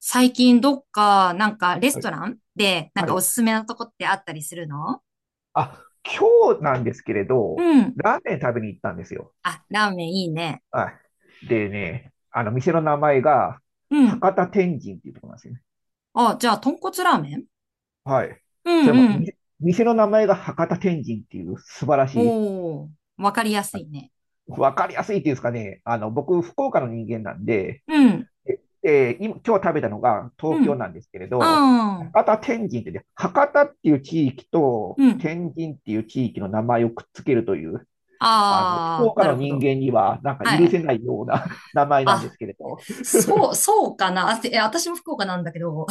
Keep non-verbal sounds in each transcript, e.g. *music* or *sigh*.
最近どっか、なんかレスはい。トランで、なんあかおる。すすめのとこってあったりするの？あ、今日なんですけれうど、ん。ラーメン食べに行ったんですよ。あ、ラーメンいいね。はい。でね、店の名前が、うん。博多天神っていうところなんですよね。あ、じゃあ、豚骨ラーメン？はい。うそれんも、うん。店の名前が博多天神っていう素晴らしい、おー、わかりやすあ、いね。わかりやすいっていうんですかね。僕、福岡の人間なんで、うん、で今日食べたのがう東京ん、なんですけれど、あー、博多天神ってね、博多っていう地域とうん。天神っていう地域の名前をくっつけるという、福あー、岡なのるほ人ど。間には、なんかは許い。せないような *laughs* 名前なんであ、すけれど。そう、そうかな。あ、私も福岡なんだけど、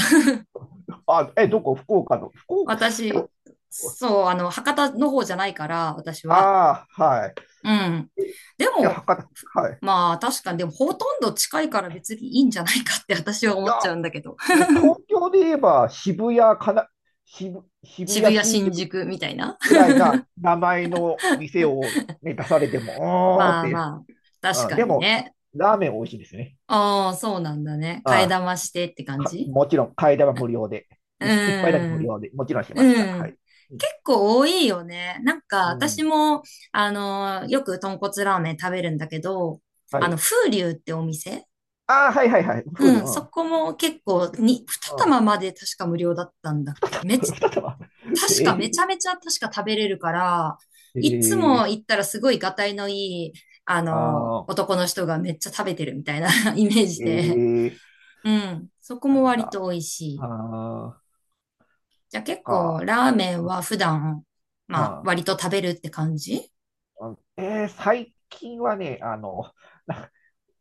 あ、え、どこ福岡の、福 *laughs* 岡、私、そう、あの、博多の方じゃないから、私は。ああ、はい。うん。えいでや、も、博ふ多、はい。まあ確かに、でもほとんど近いから別にいいんじゃないかって私はい思っや、ちゃうんだけど。もう *laughs* 東京で言えば渋谷かな、渋、渋渋谷谷、新新宿宿みたいな。ぐ *laughs* らいな名前の店を、ね、出されても、おーっまてあいう。まあ、確うん、かでにも、ね。ラーメン美味しいですね。ああ、そうなんだね。替えあ玉してってあ、感じ？もちろん、替え玉無料で。う一杯だけ無ん。料で、もちろんしましうた。はん。い。うん。結構多いよね。なんかう私ん。も、あの、よく豚骨ラーメン食べるんだけど、はあの、い。風流ってお店。ああ、はいはいはい。う風流、ん、うそん。こも結構に、う二ん。玉まで確か無料だったんだっけ。*laughs* 二玉。*laughs* 確かめえちー、ゃめちゃ確か食べれるから、えいつもー、行ったらすごいがたいのいい、あの、あ男の人がめっちゃ食べてるみたいな *laughs* イメーー、ジで。えー、うん。そこなもん割とだ。美味しい。あじゃあー、結構ラーメンは普段、まああ割と食べるって感じ？ー、うん、最近はね、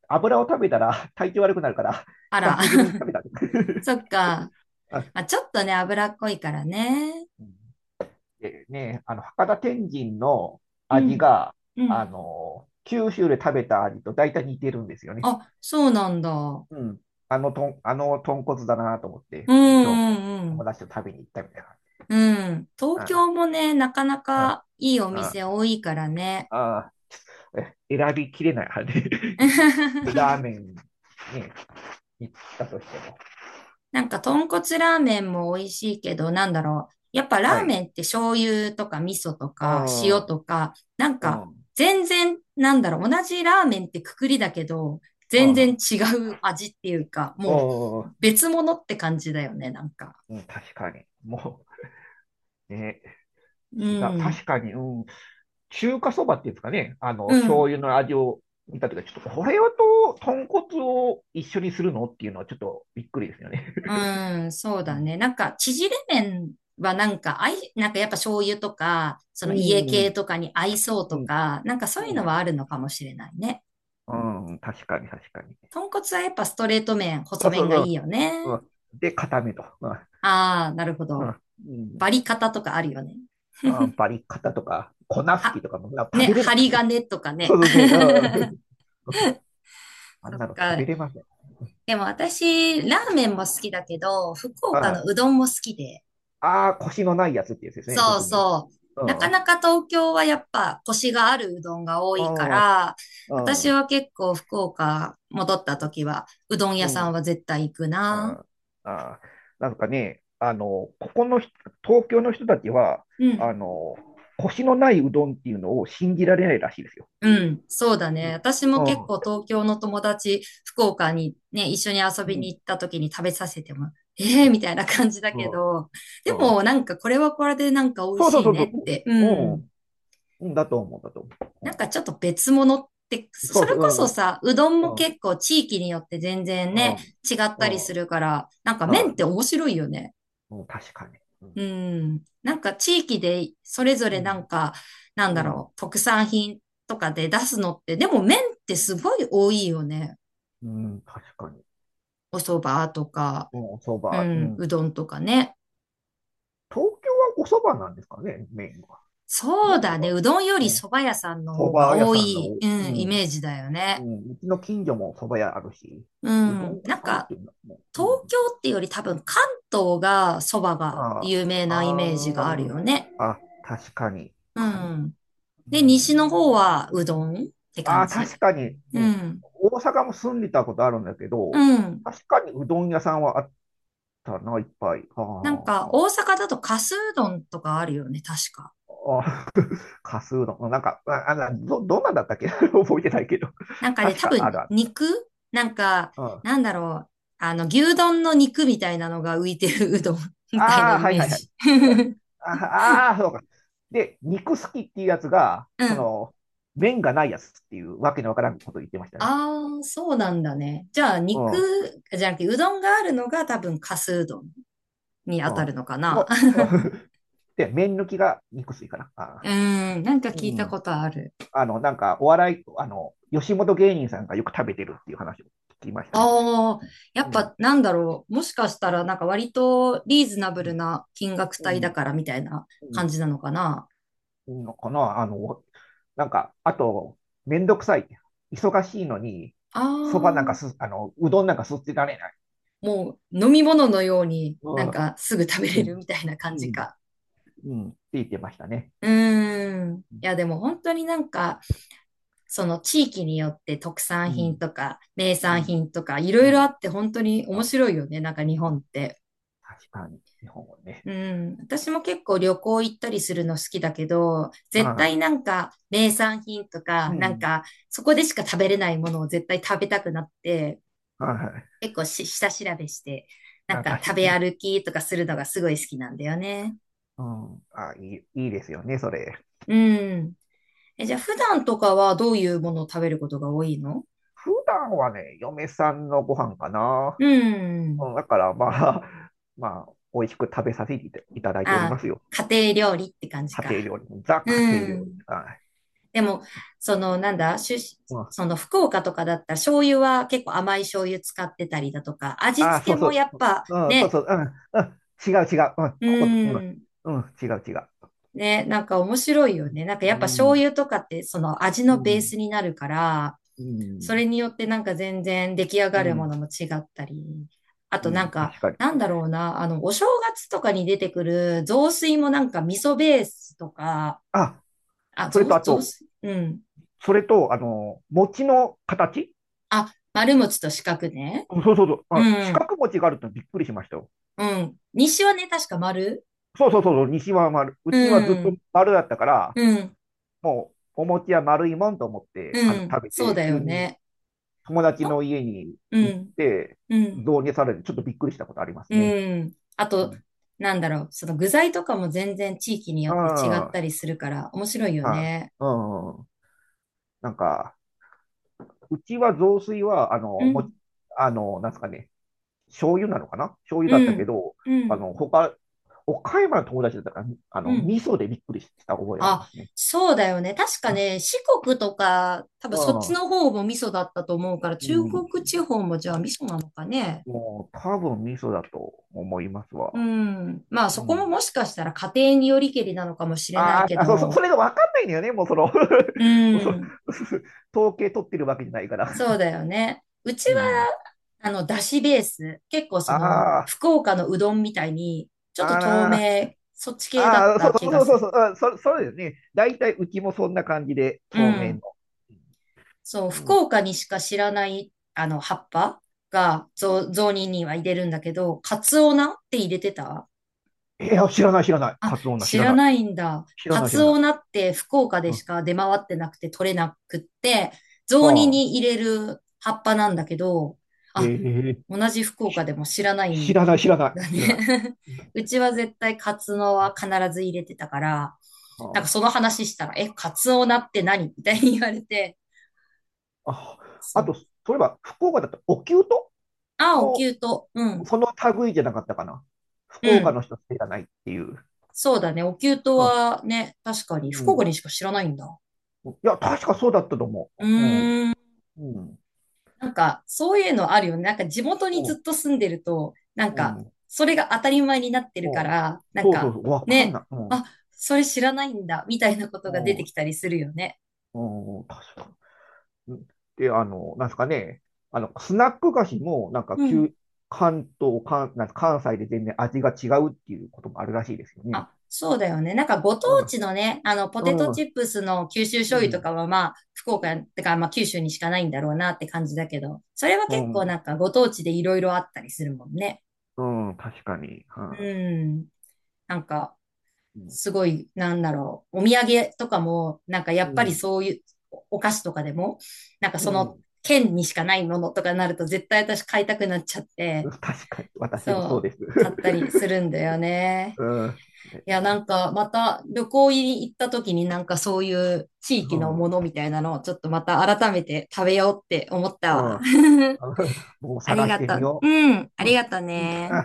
油を食べたら *laughs* 体調悪くなるから、*laughs* あ久ら。しぶりに食 *laughs* べた。そっか。*laughs* あ、まあ、ちょっとね、脂っこいからね。うん、でね、博多天神のう味ん。が、うん。九州で食べた味と大体似てるんですよね。あ、そうなんだ。ううん。あの、とん、あの豚骨だなと思って、ん今日うもん友達と食べに行ったみたいな。うん。うん。東あ京もね、なかなあ、かいいおあ店多いからね。あ、ああ、選びきれない、あれ *laughs*。ラー *laughs* メンに行ったとしても。なんか、豚骨ラーメンも美味しいけど、なんだろう。やっぱはラーい。メンって醤油とか味噌とか塩あとか、なんあ、うか、ん、全然、なんだろう。同じラーメンってくくりだけど、全然ああ、違う味っていうか、おもうー、別物って感じだよね、なんか。うん、確かに。もう、ね、う違う。ん。確かに、うん。中華そばっていうんですかね。う醤ん。油の味を見たときは、ちょっとこれはと、豚骨を一緒にするのっていうのはちょっとびっくりですよね。うん、そううだん、ね。なんか、縮れ麺はなんか、なんかやっぱ醤油とか、そうの家系ん、とかに合いそううとん、か、なんかそういうのはあうるのかもしれないね。ん、うん、確かに、確かに。豚骨はやっぱストレート麺、そ細うそ麺がいいう、よね。うん。うん、で、固めと。うん。ああ、なるほうん。ど。うん、バリ方とかあるよね。あー、バリカタとか、粉吹きは、とかもな食ね、べれない。針金とかそね。*laughs* うですね。うん。*laughs* あんそっなの食べか。れません。でも私、ラーメンも好きだけど、福岡あのうどんも好きで。あー、腰のないやつってやつですね、そう特に。そうう。なん。かうなか東京はやっぱコシがあるうどんが多いかん。うん。ら、私あはあ、結構福岡戻った時は、うどん屋うさんん。は絶対行くな。ああ、あー、なんかね、あの、ここの人東京の人たちは、うあん。の、腰のないうどんっていうのを信じられないらしいですよ。うん、そうだうね。ん。私もう結ん。構東京の友達、福岡にね、一緒に遊うびん。に行った時に食べさせても、ええみたいな感じだけうん。ど、でうん、もなんかこれはこれでなんか美味そうそうしいそうねっそて、うう。うん。ん。うん、だと思う、だとなんか思ちょっと別物って、う。うん、そそそうれこそそう、さ、うどんもうん、結構地域によって全然うん、ね、違っうたりん、うすん、るから、なんか麺っあ、て面白いよね。うん、確かに。うん、うん。なんか地域でそれぞうれなんん、か、なんうだん、ろう、特産品とかで出すのって、でも麺ってすごい多いよね。うん、確かに。お蕎麦とか、うん、そうば、うん、うん。どんとかね。東京はおそばなんですかね、メインは。そどううなのだかね。うどんよな。りうん、蕎麦屋さんのそ方がば屋多さんの、い、ううん、イん、メージだようね。ん、うちの近所もそば屋あるし、ううどんん。屋なんさんっか、ていうのも、う東ん、京ってより多分関東が蕎麦があ有名あ、なイメージがあるあよね。あ、あ、確かに。うん。うで、西ん、の方はうどんってあ感あ、確じ。かに、ううん。ん。大阪も住んでたことあるんだけうど、ん。確かにうどん屋さんはあったな、いっぱい。あなんか、大ー、阪だとかすうどんとかあるよね、確か。あー、*laughs* かすうどん。なんか、あ、あなど、どんなんだったっけ *laughs* 覚えてないけど。なんかね、確多かあ分、るある。肉なんか、うん。あなんだろう。あの、牛丼の肉みたいなのが浮いてるうどん *laughs* みたいなあ、イはいメーはいはい。ジ。うん、 *laughs* ああ、ーそうか。で、肉好きっていうやつが、うそん。の、麺がないやつっていうわけのわからんこと言ってましたね。ああ、そうなんだね。じゃあ、うん。肉、うん。じゃなくて、うどんがあるのが多分、かすうどんに当たるのかな。う *laughs* ん *laughs* で、麺抜きが肉吸いかな。うあーん、なんかー、聞ういたん。ことある。なんか、お笑い、吉本芸人さんがよく食べてるっていう話を聞きましたね、それ。ああ、やうっん。ぱなんだろう。もしかしたらなんか割とリーズナブうルん。な金額う帯だん。からみたいな感うじなのかな。ん、のかな、なんか、あと、めんどくさい。忙しいのに、あそばなんかあ、す、あの、うどんなんかすってられない。もう飲み物のようにうなんん。かすぐ食べうれるん。みたいなう感じん。か。うん。って言ってましたね。うーん。いうん。やでも本当になんかその地域によって特産品とか名う産ん。品とかいろういろあん。って本当に面あ、白いよね。なんか日本って。確かに、日本語ね。うん。私も結構旅行行ったりするの好きだけど、は絶対あ、なんか名産品とうかなんん。かそこでしか食べれないものを絶対食べたくなって、は結構下調べして、い、なんあ、か確食かべに。歩きとかするのがすごい好きなんだよね。うん。あ、いい、いいですよね、それ。うん。え、じゃあ普段とかはどういうものを食べることが多いの？普段はね、嫁さんのご飯かな。ううん。ん、だからまあ、*laughs* まあ、美味しく食べさせていただいておりあ、ますよ。家庭料理って感じ家庭か。料理。ザう家庭料理。ん。はい。でも、その、なんだ、うん、その福岡とかだったら醤油は結構甘い醤油使ってたりだとか、味ああ、付そけうそもう。やっぱうん、そうそね、う。うん、うん、違う違う。うん、うここ、うん、ん。うん、違う違う。ね、なんか面白いうよん、ね。なんかうやっぱ醤ん、油とかってその味うのベーん、スになるから、それによってなんか全然出来上うがるもん、のも違ったり、あうとなん、んか、確かに。なんだろうな、あの、お正月とかに出てくる雑炊もなんか味噌ベースとか、あ、あ、それ雑、とあ雑と、炊うん。それと、餅の形、あ、丸餅と四角ね。うん、そうそうそう。う四ん、角餅があるってびっくりしましたよ。うん。西はね、確か丸。そうそうそうそう、西は丸。ううちはずっとん、丸だったから、うん、もうお餅は丸いもんと思ってうはん。食べそうて、だ急よにね。友達のの家にう行っん、て、うん。導入されて、ちょっとびっくりしたことありますうね。ん。あうと、ん。なんだろう、その具材とかも全然地域によって違っあたりするから面白いよあ、はね。い。うん。なんか、うちは雑炊は、あうの、も、ん、あの、なんすかね、醤油なのかな、醤油だっうたけん、ど、うあん、の、他、岡山の友達だったから、うん。味噌でびっくりした覚えありまあ、すね。そうだよね。確かね、四国とか、多う分そっちん。の方も味噌だったと思うから、う中ん。国地方もじゃあ味噌なのかね。もう多分ミソだと思いますうわ。ん。まあうそこもん。もしかしたら家庭によりけりなのかもしれないあけーあ、そど、れがわかんないんだよね、もうその う *laughs* もうそ、ん。*laughs* 統計取ってるわけじゃないから。そうだよね。うちうは、ん。あの、だしベース。結構その、ああ、福岡のうどんみたいに、ちょっと透あー、明、そっち系だっあー、そうた気そがうそすうそる。う、それですね。大体うちもそんな感じで、う透明の。ん。そう、う福ん。岡にしか知らない、あの、葉っぱが、雑煮には入れるんだけど、カツオナって入れてた？いや、知らない、知らない。あ、カツオ女、知知ららない。ないんだ。知らカない、知らツない。オナって福岡うでん。しか出回ってなくて取れなくって、雑煮ああ、に入れる葉っぱなんだけど、あ、ええ、同じ福岡でも知らない知んらない、知らなだい、知らない。ね。う *laughs* うん、ちは絶対カツオは必ず入れてたから、なんあかその話したら、え、カツオナって何みたいに言われて、あ、あ、あそと、う。そういえば、福岡だったら、お灸とあ、おも、灸と、うん、その類じゃなかったかな。福う岡ん。の人知らないっていう。そうだね。お灸とうん。はね、確かに福岡にしか知らないんだ。うん。いや、確かそうだったと思うう。うん。ーん。うん。なんか、そういうのあるよね。なんか、地元にうずん。っと住んでると、なんうん。うか、ん。それが当たり前になってるそかうら、なんそうそか、う。わかんね、ない。うん。あ、それ知らないんだ、みたいなこうとが出てん。きたりするよね。うん。確かに。うん。で、なんですかね。スナック菓子も、なんか、うん。関東、関、なんか関西で全然味が違うっていうこともあるらしいですよね。あ、そうだよね。なんか、ご当うん。地のね、あの、ポテトうチん。ップスの九州う醤油とん。かは、まあ、福うん。岡、てか、まあ、九州にしかないんだろうなって感じだけど、それはう結構ん。なんか、ご当地でいろいろあったりするもんね。うん、確かに。はうん。なんか、い、うん。すごい、なんだろう、お土産とかも、なんかやうっぱりん。そういうお菓子とかでも、なんかうそのん。県にしかないものとかになると絶対私買いたくなっちゃっ *laughs* て、確かに、私そもそうう、です。*laughs* 買ったりするんだよね。うん。でいや、なね。んかまた旅行に行った時になんかそういう地う域のん。うものん。みたいなのをちょっとまた改めて食べようって思っ *laughs* たもわ。う *laughs* あり探しがてとみう。ようん、あう。うりん。がとうね。